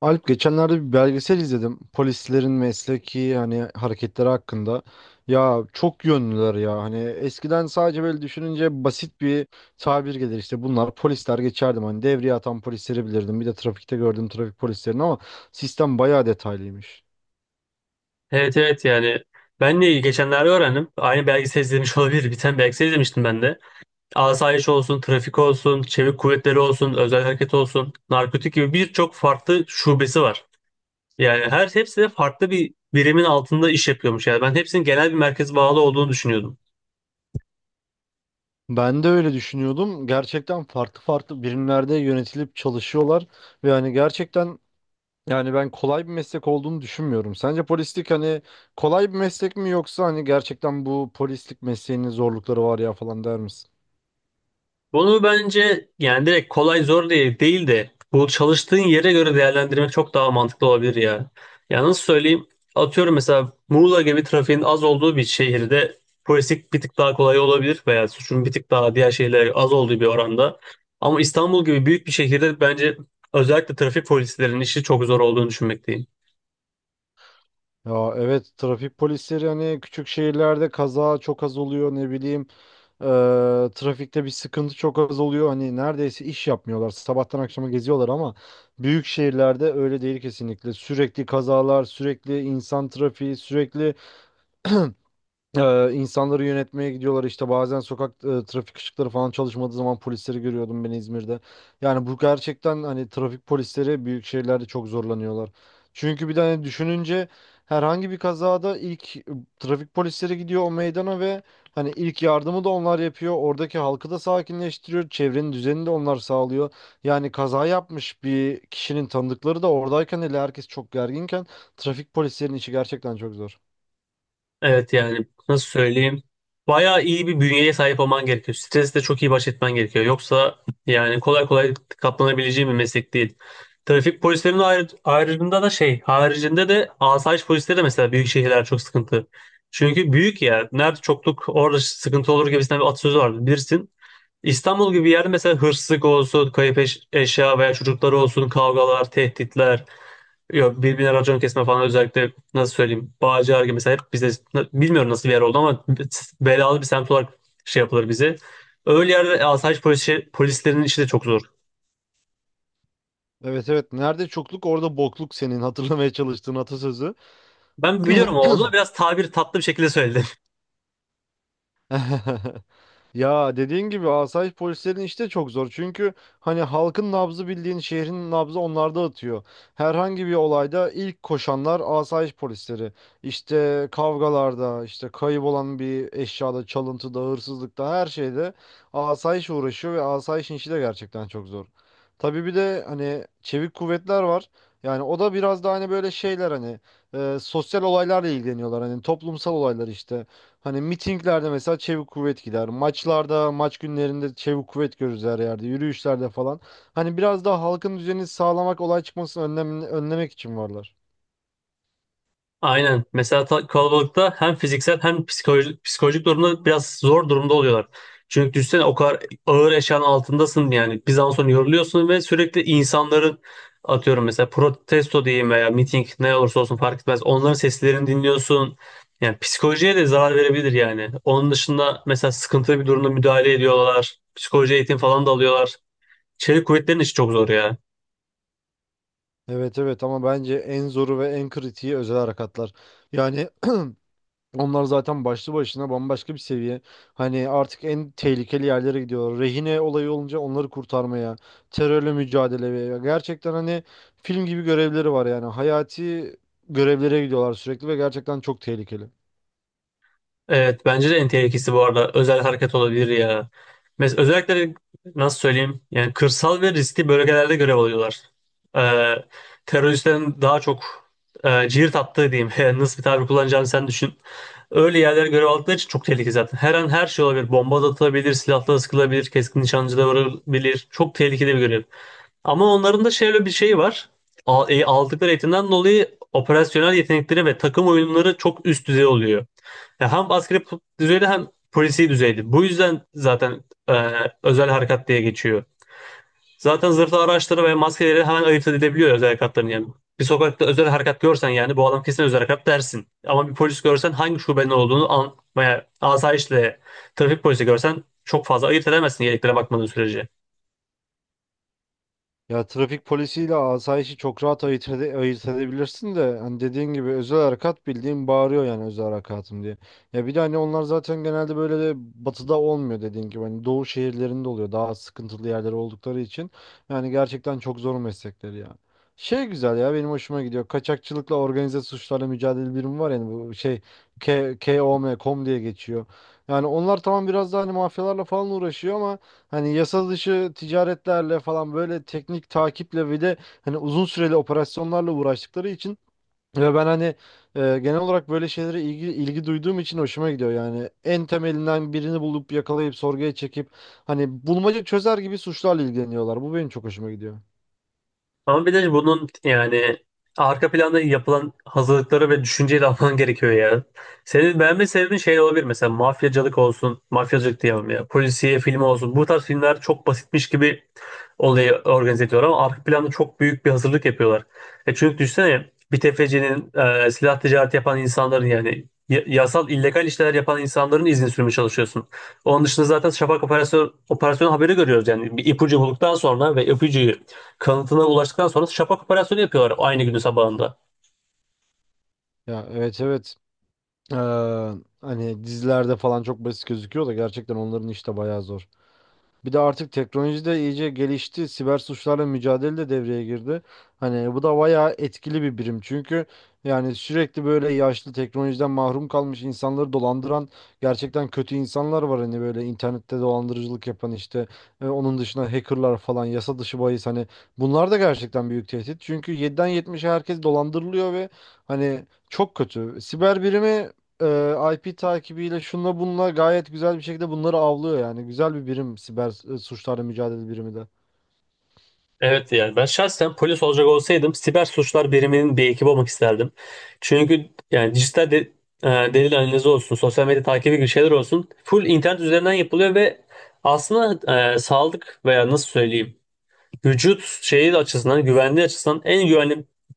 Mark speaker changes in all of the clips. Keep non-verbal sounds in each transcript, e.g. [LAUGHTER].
Speaker 1: Alp, geçenlerde bir belgesel izledim. Polislerin mesleki hani hareketleri hakkında. Ya çok yönlüler ya. Hani eskiden sadece böyle düşününce basit bir tabir gelir işte bunlar polisler geçerdim. Hani devriye atan polisleri bilirdim. Bir de trafikte gördüğüm trafik polislerini ama sistem bayağı detaylıymış.
Speaker 2: Evet, evet, yani ben de geçenlerde öğrendim. Aynı belgesel izlemiş [LAUGHS] olabilir. Bir tane belgesel izlemiştim ben de. Asayiş olsun, trafik olsun, çevik kuvvetleri olsun, özel hareket olsun, narkotik gibi birçok farklı şubesi var. Yani hepsi de farklı bir birimin altında iş yapıyormuş. Yani ben hepsinin genel bir merkeze bağlı olduğunu düşünüyordum.
Speaker 1: Ben de öyle düşünüyordum. Gerçekten farklı farklı birimlerde yönetilip çalışıyorlar ve hani gerçekten. Yani ben kolay bir meslek olduğunu düşünmüyorum. Sence polislik hani kolay bir meslek mi yoksa hani gerçekten bu polislik mesleğinin zorlukları var ya falan der misin?
Speaker 2: Bunu bence yani direkt kolay zor diye değil de bu çalıştığın yere göre değerlendirmek çok daha mantıklı olabilir ya. Ya nasıl söyleyeyim? Atıyorum mesela Muğla gibi trafiğin az olduğu bir şehirde polislik bir tık daha kolay olabilir veya suçun bir tık daha diğer şehirlere az olduğu bir oranda. Ama İstanbul gibi büyük bir şehirde bence özellikle trafik polislerinin işi çok zor olduğunu düşünmekteyim.
Speaker 1: Ya, evet, trafik polisleri hani küçük şehirlerde kaza çok az oluyor, ne bileyim, eee, trafikte bir sıkıntı çok az oluyor, hani neredeyse iş yapmıyorlar, sabahtan akşama geziyorlar ama büyük şehirlerde öyle değil, kesinlikle sürekli kazalar, sürekli insan trafiği, sürekli [CLEARS THROAT] insanları yönetmeye gidiyorlar. İşte bazen sokak trafik ışıkları falan çalışmadığı zaman polisleri görüyordum ben İzmir'de. Yani bu gerçekten hani trafik polisleri büyük şehirlerde çok zorlanıyorlar. Çünkü bir tane düşününce herhangi bir kazada ilk trafik polisleri gidiyor o meydana ve hani ilk yardımı da onlar yapıyor. Oradaki halkı da sakinleştiriyor. Çevrenin düzenini de onlar sağlıyor. Yani kaza yapmış bir kişinin tanıdıkları da oradayken, hele herkes çok gerginken, trafik polislerinin işi gerçekten çok zor.
Speaker 2: Evet yani nasıl söyleyeyim? Bayağı iyi bir bünyeye sahip olman gerekiyor. Stresle çok iyi baş etmen gerekiyor. Yoksa yani kolay kolay katlanabileceğin bir meslek değil. Trafik polislerinin ayrı, ayrıcında da şey, haricinde de asayiş polisleri de mesela büyük şehirler çok sıkıntı. Çünkü büyük yer, nerede çokluk orada sıkıntı olur gibisinden bir atasözü vardı bilirsin. İstanbul gibi bir yerde mesela hırsızlık olsun, kayıp eşya veya çocukları olsun, kavgalar, tehditler. Yok birbirine racon kesme falan, özellikle nasıl söyleyeyim, Bağcılar gibi mesela. Hep bize bilmiyorum nasıl bir yer oldu ama belalı bir semt olarak şey yapılır bize. Öyle yerde asayiş polisi, polislerinin işi de çok zor.
Speaker 1: Evet, evet. Nerede çokluk orada bokluk, senin hatırlamaya çalıştığın atasözü.
Speaker 2: Ben biliyorum o oldu, biraz tabir tatlı bir şekilde söyledi.
Speaker 1: [LAUGHS] Ya, dediğin gibi asayiş polislerin işi de çok zor. Çünkü hani halkın nabzı, bildiğin şehrin nabzı onlarda atıyor. Herhangi bir olayda ilk koşanlar asayiş polisleri. İşte kavgalarda, işte kayıp olan bir eşyada, çalıntıda, hırsızlıkta, her şeyde asayiş uğraşıyor ve asayişin işi de gerçekten çok zor. Tabii bir de hani çevik kuvvetler var. Yani o da biraz da hani böyle şeyler hani sosyal olaylarla ilgileniyorlar. Hani toplumsal olaylar işte. Hani mitinglerde mesela çevik kuvvet gider. Maçlarda, maç günlerinde çevik kuvvet görürüz her yerde. Yürüyüşlerde falan. Hani biraz daha halkın düzenini sağlamak, olay çıkmasını önlemek için varlar.
Speaker 2: Aynen. Mesela kalabalıkta hem fiziksel hem psikolojik durumda biraz zor durumda oluyorlar. Çünkü düşünsene o kadar ağır eşyanın altındasın, yani bir zaman sonra yoruluyorsun ve sürekli insanların, atıyorum mesela protesto diyeyim veya miting, ne olursa olsun fark etmez, onların seslerini dinliyorsun. Yani psikolojiye de zarar verebilir yani. Onun dışında mesela sıkıntılı bir durumda müdahale ediyorlar. Psikoloji eğitim falan da alıyorlar. Çevik kuvvetlerin işi çok zor ya.
Speaker 1: Evet, evet, ama bence en zoru ve en kritiği özel harekatlar. Yani [CLEARS THROAT] onlar zaten başlı başına bambaşka bir seviye. Hani artık en tehlikeli yerlere gidiyorlar. Rehine olayı olunca onları kurtarmaya, terörle mücadeleye. Gerçekten hani film gibi görevleri var yani. Hayati görevlere gidiyorlar sürekli ve gerçekten çok tehlikeli.
Speaker 2: Evet bence de en tehlikesi bu arada özel hareket olabilir ya. Mesela özellikle nasıl söyleyeyim, yani kırsal ve riskli bölgelerde görev alıyorlar. Ee, Teröristlerin daha çok cirit attığı diyeyim [LAUGHS] Yani nasıl bir tabir kullanacağını sen düşün. Öyle yerlere görev aldıkları için çok tehlikeli zaten. Her an her şey olabilir. Bomba da atılabilir, silahla sıkılabilir, keskin nişancı da varabilir. Çok tehlikeli bir görev. Ama onların da şöyle bir şey var. Aldıkları eğitimden dolayı operasyonel yetenekleri ve takım oyunları çok üst düzey oluyor. Ya hem askeri düzeyde hem polisi düzeyde. Bu yüzden zaten e, özel harekat diye geçiyor. Zaten zırhlı araçları ve maskeleri hemen ayırt edilebiliyor özel harekatların yani. Bir sokakta özel harekat görsen yani bu adam kesin özel harekat dersin. Ama bir polis görsen hangi şubenin olduğunu an veya asayişle trafik polisi görsen çok fazla ayırt edemezsin yeleklere bakmadığın sürece.
Speaker 1: Ya, trafik polisiyle asayişi çok rahat ayırt edebilirsin de hani dediğin gibi özel harekat bildiğin bağırıyor yani, özel harekatım diye. Ya bir de hani onlar zaten genelde böyle de batıda olmuyor, dediğin gibi hani doğu şehirlerinde oluyor, daha sıkıntılı yerler oldukları için. Yani gerçekten çok zor meslekleri ya. Şey, güzel ya, benim hoşuma gidiyor. Kaçakçılıkla organize suçlarla mücadele birimi var, yani bu şey KOM diye geçiyor. Yani onlar tamam, biraz daha hani mafyalarla falan uğraşıyor ama hani yasa dışı ticaretlerle falan, böyle teknik takiple ve de hani uzun süreli operasyonlarla uğraştıkları için ve ben hani genel olarak böyle şeylere ilgi duyduğum için hoşuma gidiyor yani. En temelinden birini bulup yakalayıp sorguya çekip, hani bulmaca çözer gibi suçlarla ilgileniyorlar. Bu benim çok hoşuma gidiyor.
Speaker 2: Ama bir de bunun yani arka planda yapılan hazırlıkları ve düşünceyi de alman [LAUGHS] gerekiyor ya. Senin beğenme sebebin şey olabilir, mesela mafyacılık olsun, mafyacılık diyemem ya, polisiye filmi olsun. Bu tarz filmler çok basitmiş gibi olayı organize ediyorlar ama arka planda çok büyük bir hazırlık yapıyorlar. E çünkü düşünsene bir tefecinin, silah ticareti yapan insanların, yani yasal illegal işler yapan insanların izin sürmeye çalışıyorsun. Onun dışında zaten şafak operasyon haberi görüyoruz. Yani bir ipucu bulduktan sonra ve ipucuyu kanıtına ulaştıktan sonra şapak operasyonu yapıyorlar aynı günün sabahında.
Speaker 1: Ya evet, evet. Ee, hani dizilerde falan çok basit gözüküyor da gerçekten onların işi de bayağı zor. Bir de artık teknoloji de iyice gelişti. Siber suçlarla mücadele de devreye girdi. Hani bu da bayağı etkili bir birim. Çünkü yani sürekli böyle yaşlı, teknolojiden mahrum kalmış insanları dolandıran gerçekten kötü insanlar var. Hani böyle internette dolandırıcılık yapan, işte onun dışında hackerlar falan, yasa dışı bahis, hani bunlar da gerçekten büyük tehdit. Çünkü 7'den 70'e herkes dolandırılıyor ve hani çok kötü. Siber birimi IP takibiyle, şunla bununla gayet güzel bir şekilde bunları avlıyor yani. Güzel bir birim siber suçlarla mücadele birimi de.
Speaker 2: Evet yani ben şahsen polis olacak olsaydım siber suçlar biriminin bir ekibi olmak isterdim. Çünkü yani dijital e, delil analizi olsun, sosyal medya takibi gibi şeyler olsun. Full internet üzerinden yapılıyor ve aslında sağlık veya nasıl söyleyeyim, vücut şeyi açısından, güvenliği açısından en güvenli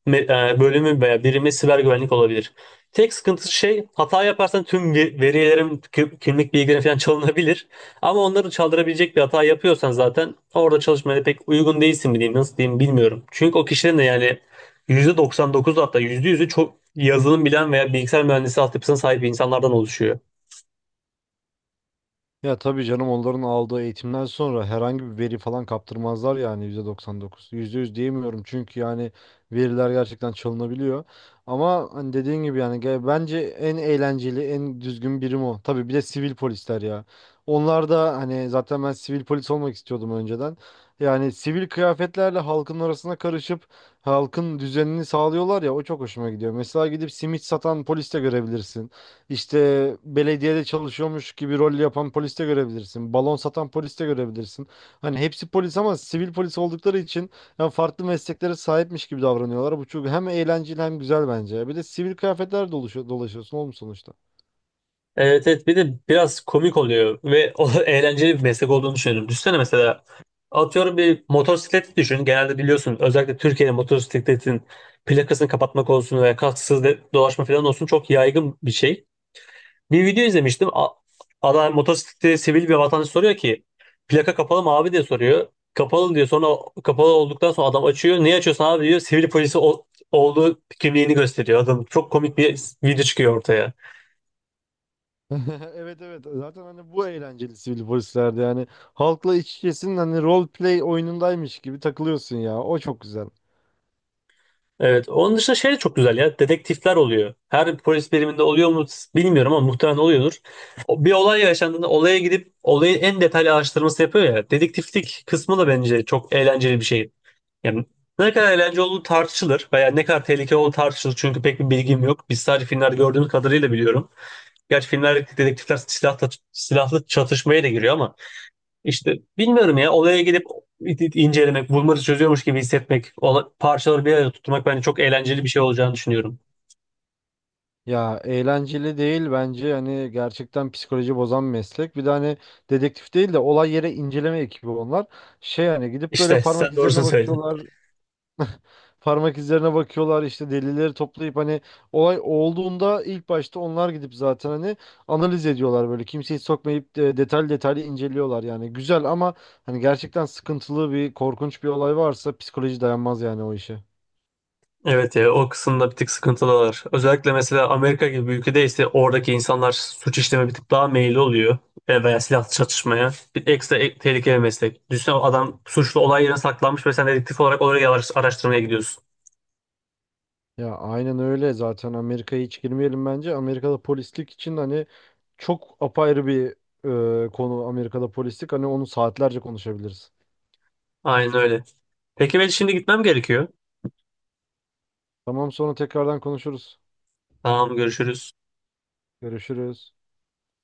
Speaker 2: bölümü veya birimi siber güvenlik olabilir. Tek sıkıntısı şey, hata yaparsan tüm verilerim, kimlik bilgilerin falan çalınabilir. Ama onları çaldırabilecek bir hata yapıyorsan zaten orada çalışmaya pek uygun değilsin mi diyeyim, nasıl diyeyim bilmiyorum. Çünkü o kişilerin de yani %99, hatta yüzde yüzü çok yazılım bilen veya bilgisayar mühendisi altyapısına sahip insanlardan oluşuyor.
Speaker 1: Ya tabii canım, onların aldığı eğitimden sonra herhangi bir veri falan kaptırmazlar yani %99. %100 diyemiyorum çünkü yani veriler gerçekten çalınabiliyor. Ama hani dediğin gibi yani bence en eğlenceli, en düzgün birim o. Tabii bir de sivil polisler ya. Onlar da hani, zaten ben sivil polis olmak istiyordum önceden. Yani sivil kıyafetlerle halkın arasına karışıp halkın düzenini sağlıyorlar ya, o çok hoşuma gidiyor. Mesela gidip simit satan polis de görebilirsin. İşte belediyede çalışıyormuş gibi rol yapan polis de görebilirsin. Balon satan polis de görebilirsin. Hani hepsi polis ama sivil polis oldukları için ya farklı mesleklere sahipmiş gibi davranıyorlar. Bu çok hem eğlenceli hem güzel bence. Bir de sivil kıyafetler dolaşıyorsun oğlum sonuçta.
Speaker 2: Evet, evet, bir de biraz komik oluyor ve o [LAUGHS] eğlenceli bir meslek olduğunu düşünüyorum. Düşünsene mesela, atıyorum, bir motosikleti düşün. Genelde biliyorsun özellikle Türkiye'de motosikletin plakasını kapatmak olsun veya kasksız dolaşma falan olsun çok yaygın bir şey. Bir video izlemiştim. Adam motosiklette, sivil bir vatandaş soruyor ki plaka kapalı mı abi diye soruyor. Kapalı diyor. Sonra kapalı olduktan sonra adam açıyor. Niye açıyorsun abi diyor. Sivil polisi olduğu kimliğini gösteriyor. Adam, çok komik bir video çıkıyor ortaya.
Speaker 1: [LAUGHS] Evet, evet, zaten hani bu eğlenceli sivil polislerde yani halkla iç içesin, hani role play oyunundaymış gibi takılıyorsun ya, o çok güzel.
Speaker 2: Evet. Onun dışında şey de çok güzel ya. Dedektifler oluyor. Her polis biriminde oluyor mu bilmiyorum ama muhtemelen oluyordur. Bir olay yaşandığında olaya gidip olayı en detaylı araştırması yapıyor ya. Dedektiflik kısmı da bence çok eğlenceli bir şey. Yani ne kadar eğlenceli olduğu tartışılır veya ne kadar tehlikeli olduğu tartışılır. Çünkü pek bir bilgim yok. Biz sadece filmlerde gördüğümüz kadarıyla biliyorum. Gerçi filmlerdeki dedektifler silahlı çatışmaya da giriyor ama işte bilmiyorum ya, olaya gidip incelemek, bulmaca çözüyormuş gibi hissetmek, parçaları bir arada tutmak bence çok eğlenceli bir şey olacağını düşünüyorum.
Speaker 1: Ya, eğlenceli değil bence, hani gerçekten psikoloji bozan meslek. Bir de hani dedektif değil de olay yere inceleme ekibi onlar. Şey, hani gidip böyle
Speaker 2: İşte
Speaker 1: parmak
Speaker 2: sen
Speaker 1: izlerine
Speaker 2: doğrusunu söyledin.
Speaker 1: bakıyorlar, işte delilleri toplayıp, hani olay olduğunda ilk başta onlar gidip zaten hani analiz ediyorlar, böyle kimseyi sokmayıp de detaylı detaylı inceliyorlar yani. Güzel ama hani gerçekten sıkıntılı bir, korkunç bir olay varsa psikoloji dayanmaz yani o işe.
Speaker 2: Evet ya, o kısımda bir tık sıkıntılılar. Özellikle mesela Amerika gibi bir ülkede ise oradaki insanlar suç işleme bir tık daha meyilli oluyor. E, veya silahlı çatışmaya. Bir ekstra tehlikeli bir meslek. Düşünsene, adam suçlu olay yerine saklanmış ve sen dedektif olarak oraya araştırmaya gidiyorsun.
Speaker 1: Ya aynen öyle, zaten Amerika'ya hiç girmeyelim bence. Amerika'da polislik için hani çok apayrı bir konu Amerika'da polislik. Hani onu saatlerce konuşabiliriz.
Speaker 2: Aynen öyle. Peki ben şimdi gitmem gerekiyor.
Speaker 1: Tamam, sonra tekrardan konuşuruz.
Speaker 2: Tamam, görüşürüz.
Speaker 1: Görüşürüz.